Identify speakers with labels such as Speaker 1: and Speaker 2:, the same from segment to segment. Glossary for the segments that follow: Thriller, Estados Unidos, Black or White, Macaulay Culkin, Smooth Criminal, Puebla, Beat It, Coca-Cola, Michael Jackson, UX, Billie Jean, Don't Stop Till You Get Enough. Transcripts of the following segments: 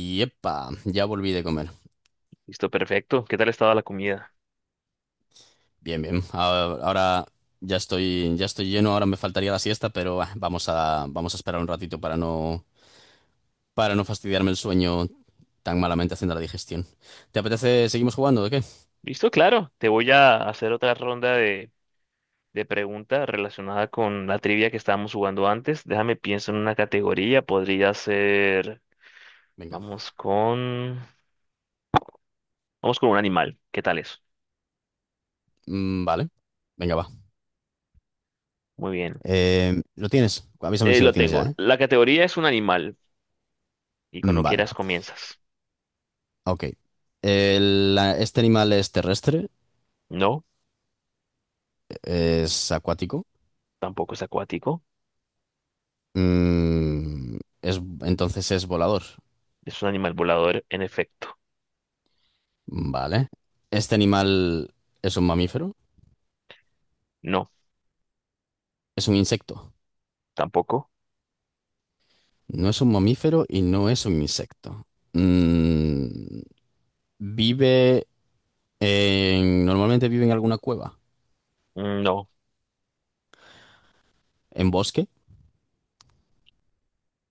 Speaker 1: Y epa, ya volví de comer.
Speaker 2: Listo, perfecto. ¿Qué tal estaba la comida?
Speaker 1: Bien, bien. Ahora ya estoy lleno, ahora me faltaría la siesta, pero vamos a esperar un ratito para no fastidiarme el sueño tan malamente haciendo la digestión. ¿Te apetece? ¿Seguimos jugando o qué?
Speaker 2: Listo, claro. Te voy a hacer otra ronda de preguntas relacionada con la trivia que estábamos jugando antes. Déjame pienso en una categoría. Podría ser.
Speaker 1: Venga.
Speaker 2: Vamos con. Vamos con un animal. ¿Qué tal eso?
Speaker 1: Mm, vale. Venga, va.
Speaker 2: Muy bien.
Speaker 1: ¿Lo tienes? Avísame si lo
Speaker 2: Lo
Speaker 1: tienes
Speaker 2: tengo.
Speaker 1: ya, ¿eh?
Speaker 2: La categoría es un animal. Y
Speaker 1: Mm,
Speaker 2: cuando
Speaker 1: vale.
Speaker 2: quieras comienzas.
Speaker 1: Ok. Este animal es terrestre,
Speaker 2: No,
Speaker 1: es acuático,
Speaker 2: tampoco es acuático.
Speaker 1: mm, entonces es volador.
Speaker 2: Es un animal volador, en efecto.
Speaker 1: Vale. ¿Este animal es un mamífero?
Speaker 2: No,
Speaker 1: ¿Es un insecto?
Speaker 2: tampoco.
Speaker 1: No es un mamífero y no es un insecto. Mm, vive en Normalmente vive en alguna cueva.
Speaker 2: No.
Speaker 1: ¿En bosque?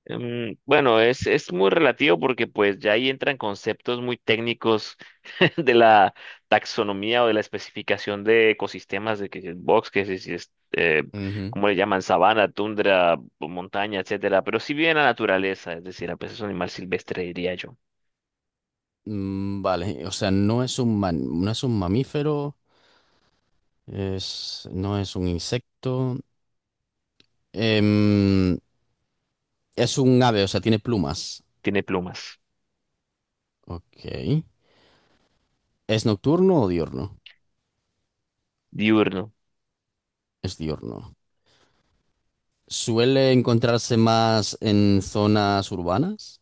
Speaker 2: Bueno, es muy relativo porque pues ya ahí entran conceptos muy técnicos de la taxonomía o de la especificación de ecosistemas, de que si es box, que si es,
Speaker 1: Ujú.
Speaker 2: ¿cómo le llaman? Sabana, tundra, o montaña, etcétera. Pero si bien la naturaleza, es decir, a veces es un animal silvestre, diría yo.
Speaker 1: Mm, vale. O sea, no es un no es un mamífero. Es No es un insecto. Em, es un ave, o sea, tiene plumas.
Speaker 2: Tiene plumas,
Speaker 1: Ok. ¿Es nocturno o diurno?
Speaker 2: diurno.
Speaker 1: Es diurno. Suele encontrarse más en zonas urbanas.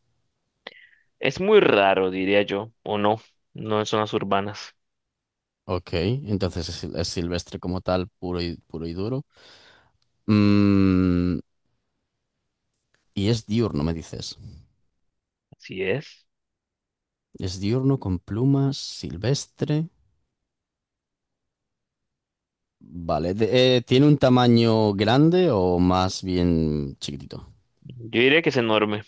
Speaker 2: Es muy raro, diría yo, o no, no en zonas urbanas.
Speaker 1: Ok, entonces es silvestre como tal, puro y duro. Mm, y es diurno, me dices.
Speaker 2: Así es.
Speaker 1: Es diurno con plumas, silvestre. Vale. ¿Tiene un tamaño grande o más bien chiquitito?
Speaker 2: Yo diría que es enorme,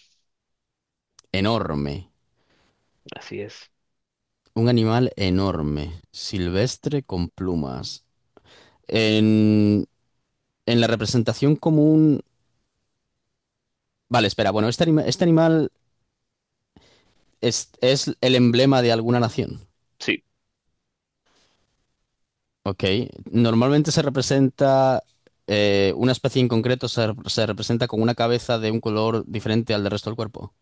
Speaker 1: Enorme.
Speaker 2: así es.
Speaker 1: Un animal enorme, silvestre con plumas. En, en la representación común Vale, espera, bueno, este animal es el emblema de alguna nación.
Speaker 2: Sí.
Speaker 1: Ok. Normalmente se representa, una especie en concreto se representa con una cabeza de un color diferente al del resto del cuerpo.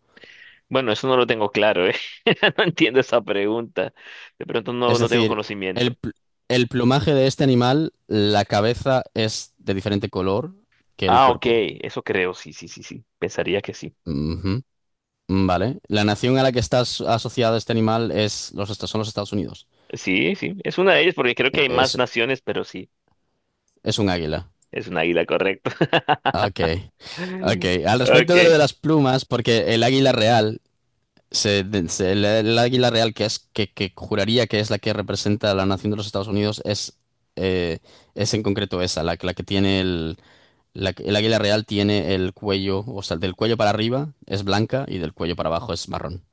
Speaker 2: Bueno, eso no lo tengo claro, ¿eh? No entiendo esa pregunta. De pronto
Speaker 1: Es
Speaker 2: no tengo
Speaker 1: decir, el,
Speaker 2: conocimiento.
Speaker 1: pl- el plumaje de este animal, la cabeza es de diferente color que el
Speaker 2: Ah, ok,
Speaker 1: cuerpo.
Speaker 2: eso creo, sí, sí, sí, sí. Pensaría que sí.
Speaker 1: Ujú. Vale. La nación a la que está asociado este animal son los Estados Unidos.
Speaker 2: Sí, sí, es una de ellas porque creo que
Speaker 1: E-
Speaker 2: hay más
Speaker 1: Es,
Speaker 2: naciones, pero sí,
Speaker 1: es un águila.
Speaker 2: es un águila, correcto.
Speaker 1: Ok. Ok. Al
Speaker 2: Ok,
Speaker 1: respecto de lo de las plumas, porque el águila real Se, de- se- la- el águila real, que es que juraría que es la que representa a la nación de los Estados Unidos, eh, es en concreto esa, la que tiene el águila real tiene el cuello, o sea, del cuello para arriba es blanca y del cuello para abajo es marrón.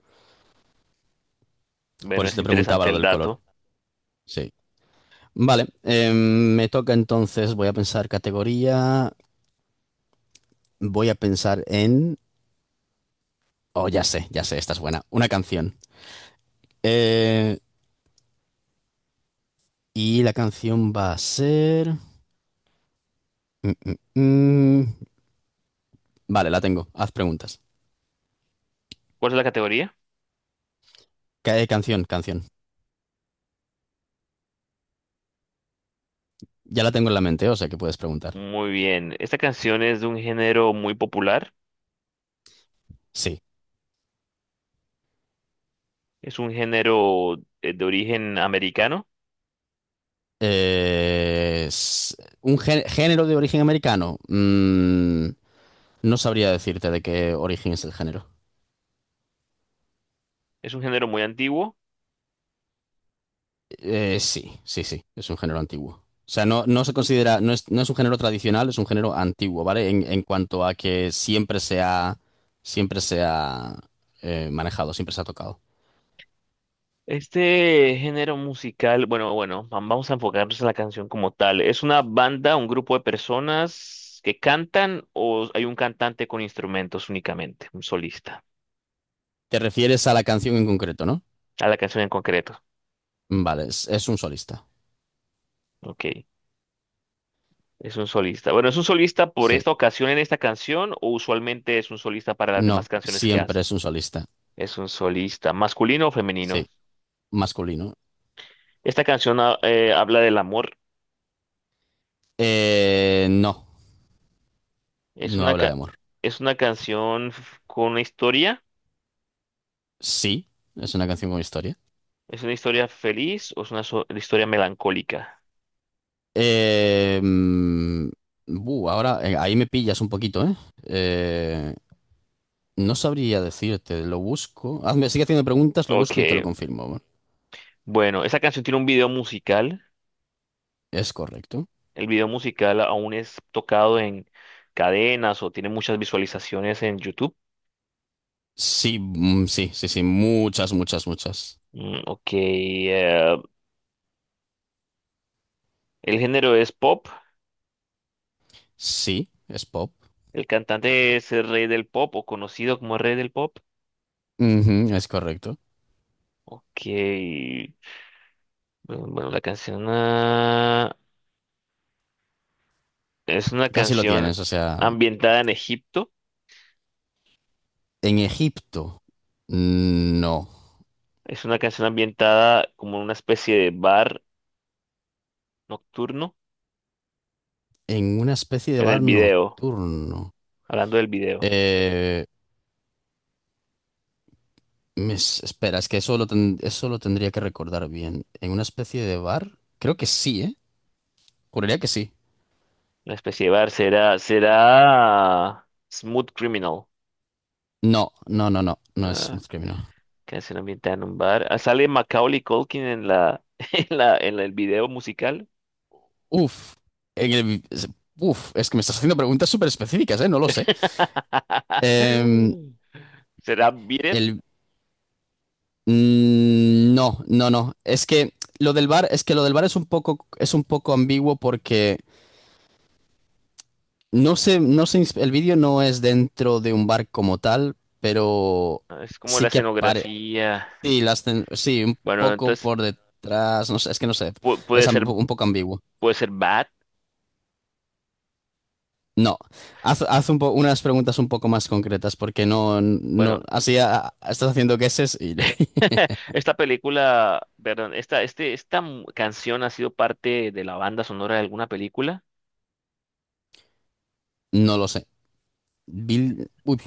Speaker 1: Por
Speaker 2: bueno,
Speaker 1: eso
Speaker 2: es
Speaker 1: te preguntaba
Speaker 2: interesante
Speaker 1: lo
Speaker 2: el
Speaker 1: del color.
Speaker 2: dato.
Speaker 1: Sí. Vale, me toca entonces, voy a pensar categoría, voy a pensar en Oh, ya sé, esta es buena. Una canción. Eh, y la canción va a ser Mm, mm, mm. Vale, la tengo. Haz preguntas.
Speaker 2: ¿Cuál es la categoría?
Speaker 1: Canción, canción. Ya la tengo en la mente, o sea que puedes preguntar.
Speaker 2: Muy bien, esta canción es de un género muy popular,
Speaker 1: Sí.
Speaker 2: es un género de origen americano,
Speaker 1: Es un género de origen americano. No sabría decirte de qué origen es el género.
Speaker 2: es un género muy antiguo.
Speaker 1: Sí, sí, sí. Es un género antiguo. O sea, no se considera, no es un género tradicional, es un género antiguo, ¿vale? En cuanto a que siempre se ha manejado, siempre se ha tocado.
Speaker 2: Este género musical, vamos a enfocarnos en la canción como tal. ¿Es una banda, un grupo de personas que cantan o hay un cantante con instrumentos únicamente, un solista?
Speaker 1: ¿Te refieres a la canción en concreto, no?
Speaker 2: A la canción en concreto.
Speaker 1: Vale, es un solista.
Speaker 2: Ok, es un solista. Bueno, ¿es un solista por
Speaker 1: Sí.
Speaker 2: esta ocasión en esta canción o usualmente es un solista para las demás
Speaker 1: No,
Speaker 2: canciones que
Speaker 1: siempre
Speaker 2: hace?
Speaker 1: es un solista.
Speaker 2: Es un solista, masculino o femenino.
Speaker 1: Sí, masculino.
Speaker 2: Habla del amor.
Speaker 1: No,
Speaker 2: Es
Speaker 1: no
Speaker 2: una,
Speaker 1: habla de
Speaker 2: ca-
Speaker 1: amor.
Speaker 2: es una con una historia.
Speaker 1: Sí, es una canción con historia.
Speaker 2: ¿Es una historia feliz o es una historia melancólica?
Speaker 1: Eh, mm, ahora ahí me pillas un poquito, ¿eh? Eh, no sabría decirte, lo busco. Hazme, sigue haciendo preguntas, lo
Speaker 2: Ok,
Speaker 1: busco y te lo confirmo.
Speaker 2: bueno, esa canción tiene un video musical.
Speaker 1: ¿Es correcto?
Speaker 2: El video musical aún es tocado en cadenas o tiene muchas visualizaciones en YouTube.
Speaker 1: Sí, mm, sí, sí, sí, muchas, muchas, muchas.
Speaker 2: Mm, ok, el género es pop.
Speaker 1: Sí, es pop.
Speaker 2: El cantante es el rey del pop o conocido como el rey del pop.
Speaker 1: Ujú, es correcto.
Speaker 2: Ok, bueno, la canción, es una
Speaker 1: Casi lo
Speaker 2: canción
Speaker 1: tienes, o sea,
Speaker 2: ambientada en Egipto.
Speaker 1: en Egipto, mm, no.
Speaker 2: Es una canción ambientada como en una especie de bar nocturno.
Speaker 1: En una especie de
Speaker 2: En el
Speaker 1: bar
Speaker 2: video,
Speaker 1: nocturno.
Speaker 2: hablando del video,
Speaker 1: Eh, espera, es que eso lo tendría que recordar bien. ¿En una especie de bar? Creo que sí, ¿eh? Juraría que sí.
Speaker 2: la especie de bar será, será Smooth Criminal,
Speaker 1: No, no, no, no, no es
Speaker 2: ah,
Speaker 1: Smooth Criminal.
Speaker 2: que ambientada en un bar. Ah, sale Macaulay Culkin en la, en la, en el video musical.
Speaker 1: Uf, en el- es- es que me estás haciendo preguntas súper específicas, ¿eh? No lo sé. Em,
Speaker 2: ¿Será Beat It?
Speaker 1: el, no, no, no. es que lo del bar, es un poco ambiguo porque no sé, no sé, el vídeo no es dentro de un bar como tal, pero
Speaker 2: Ah, es como
Speaker 1: sí
Speaker 2: la
Speaker 1: que aparece.
Speaker 2: escenografía.
Speaker 1: Sí, sí, un
Speaker 2: Bueno,
Speaker 1: poco
Speaker 2: entonces
Speaker 1: por detrás. No sé, es que no sé.
Speaker 2: pu-
Speaker 1: Es
Speaker 2: puede ser,
Speaker 1: un poco ambiguo.
Speaker 2: puede ser Bad.
Speaker 1: No. Unas preguntas un poco más concretas, porque no,
Speaker 2: Bueno,
Speaker 1: no, así estás haciendo guesses y
Speaker 2: esta película, perdón, esta, este, esta mu- canción ha sido parte de la banda sonora de alguna película.
Speaker 1: no lo sé. Uy,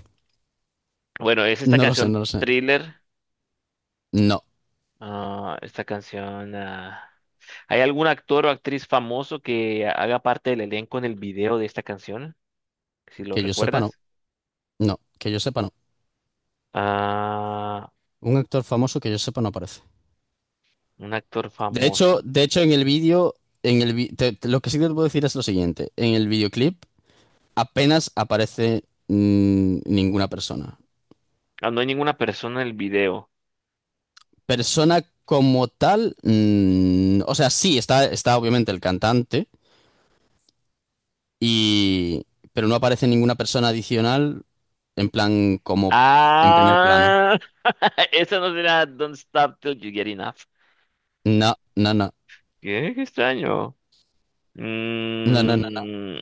Speaker 2: Bueno, es esta
Speaker 1: no lo sé,
Speaker 2: canción
Speaker 1: no lo sé.
Speaker 2: Thriller.
Speaker 1: No,
Speaker 2: ah, esta canción. ah, ¿Hay algún actor o actriz famoso que haga parte del elenco en el video de esta canción? Si lo
Speaker 1: que yo sepa no.
Speaker 2: recuerdas.
Speaker 1: No, que yo sepa no.
Speaker 2: Ah,
Speaker 1: Un actor famoso que yo sepa no aparece.
Speaker 2: un actor
Speaker 1: De hecho,
Speaker 2: famoso.
Speaker 1: de hecho en el vídeo, en el vi- te- te- lo que sí te puedo decir es lo siguiente. En el videoclip apenas aparece ninguna persona.
Speaker 2: Ah, no hay ninguna persona en el video.
Speaker 1: Persona como tal, o sea, sí, está obviamente el cantante, y, pero no aparece ninguna persona adicional en plan como en primer plano.
Speaker 2: Ah, esa no será Don't Stop Till You Get Enough.
Speaker 1: No, no, no,
Speaker 2: Qué, qué extraño.
Speaker 1: no, no, no,
Speaker 2: Mm,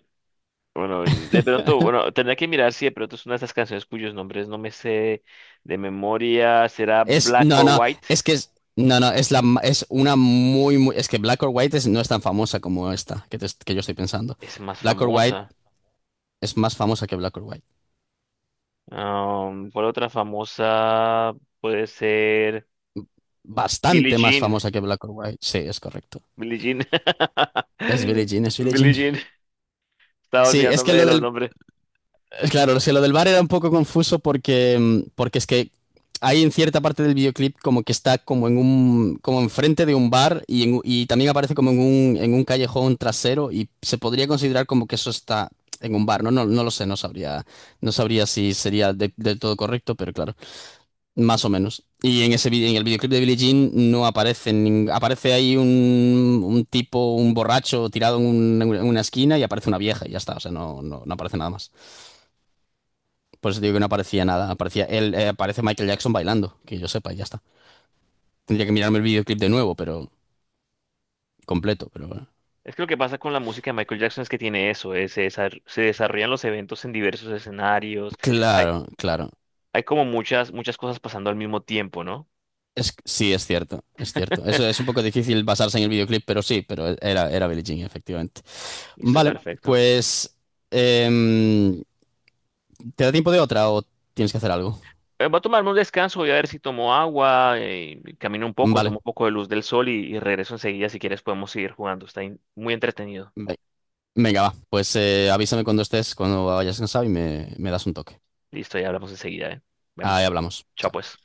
Speaker 2: bueno, de pronto, bueno, tendré que mirar si de pronto es una de esas canciones cuyos nombres no me sé de memoria. ¿Será Black
Speaker 1: No,
Speaker 2: or
Speaker 1: no,
Speaker 2: White?
Speaker 1: no, no, es una muy, muy, es que Black or White no es tan famosa como esta que yo estoy pensando.
Speaker 2: Es más
Speaker 1: Black or White
Speaker 2: famosa.
Speaker 1: es más famosa que Black or White.
Speaker 2: Am, ¿cuál otra famosa puede ser? Billie
Speaker 1: Bastante más
Speaker 2: Jean.
Speaker 1: famosa que Black or White. Sí, es correcto.
Speaker 2: Billie Jean.
Speaker 1: Es Billie Jean, es Billie
Speaker 2: Billie
Speaker 1: Jean.
Speaker 2: Jean. Estaba
Speaker 1: Sí. es que
Speaker 2: olvidándome de
Speaker 1: lo
Speaker 2: los
Speaker 1: del
Speaker 2: nombres.
Speaker 1: Claro, o sea, lo del bar era un poco confuso porque es que hay en cierta parte del videoclip como que está como enfrente de un bar y también aparece en un callejón trasero y se podría considerar como que eso está en un bar, ¿no? No, no lo sé, no sabría si sería del todo correcto, pero claro, más o menos. Y en ese en el videoclip de Billie Jean no aparece, aparece ahí un tipo, un borracho tirado en una esquina y aparece una vieja y ya está, o sea, no, no, no aparece nada más. Por eso digo que no aparecía nada. Aparecía él, aparece Michael Jackson bailando, que yo sepa, y ya está. Tendría que mirarme el videoclip de nuevo, pero completo, pero bueno.
Speaker 2: Es que lo que pasa con la música de Michael Jackson es que tiene eso, se se desarrollan los eventos en diversos escenarios. Hay,
Speaker 1: Claro, claro.
Speaker 2: hay como muchas, muchas cosas pasando al mismo tiempo, ¿no?
Speaker 1: Sí, es cierto, es cierto. Eso es un poco difícil basarse en el videoclip, pero sí, pero era Billie Jean, efectivamente.
Speaker 2: Listo,
Speaker 1: Vale,
Speaker 2: perfecto.
Speaker 1: pues em, ¿te da tiempo de otra o tienes que hacer algo?
Speaker 2: Voy a tomarme un descanso, voy a ver si tomo agua, camino un poco, tomo
Speaker 1: Vale.
Speaker 2: un poco de luz del sol y regreso enseguida. Si quieres, podemos seguir jugando. Está muy entretenido.
Speaker 1: ve- Venga, va. Pues avísame cuando estés, cuando vayas cansado y me das un toque.
Speaker 2: Listo, ya hablamos enseguida, ¿eh?
Speaker 1: Ahí
Speaker 2: Vemos.
Speaker 1: hablamos.
Speaker 2: Chao,
Speaker 1: Chao.
Speaker 2: pues.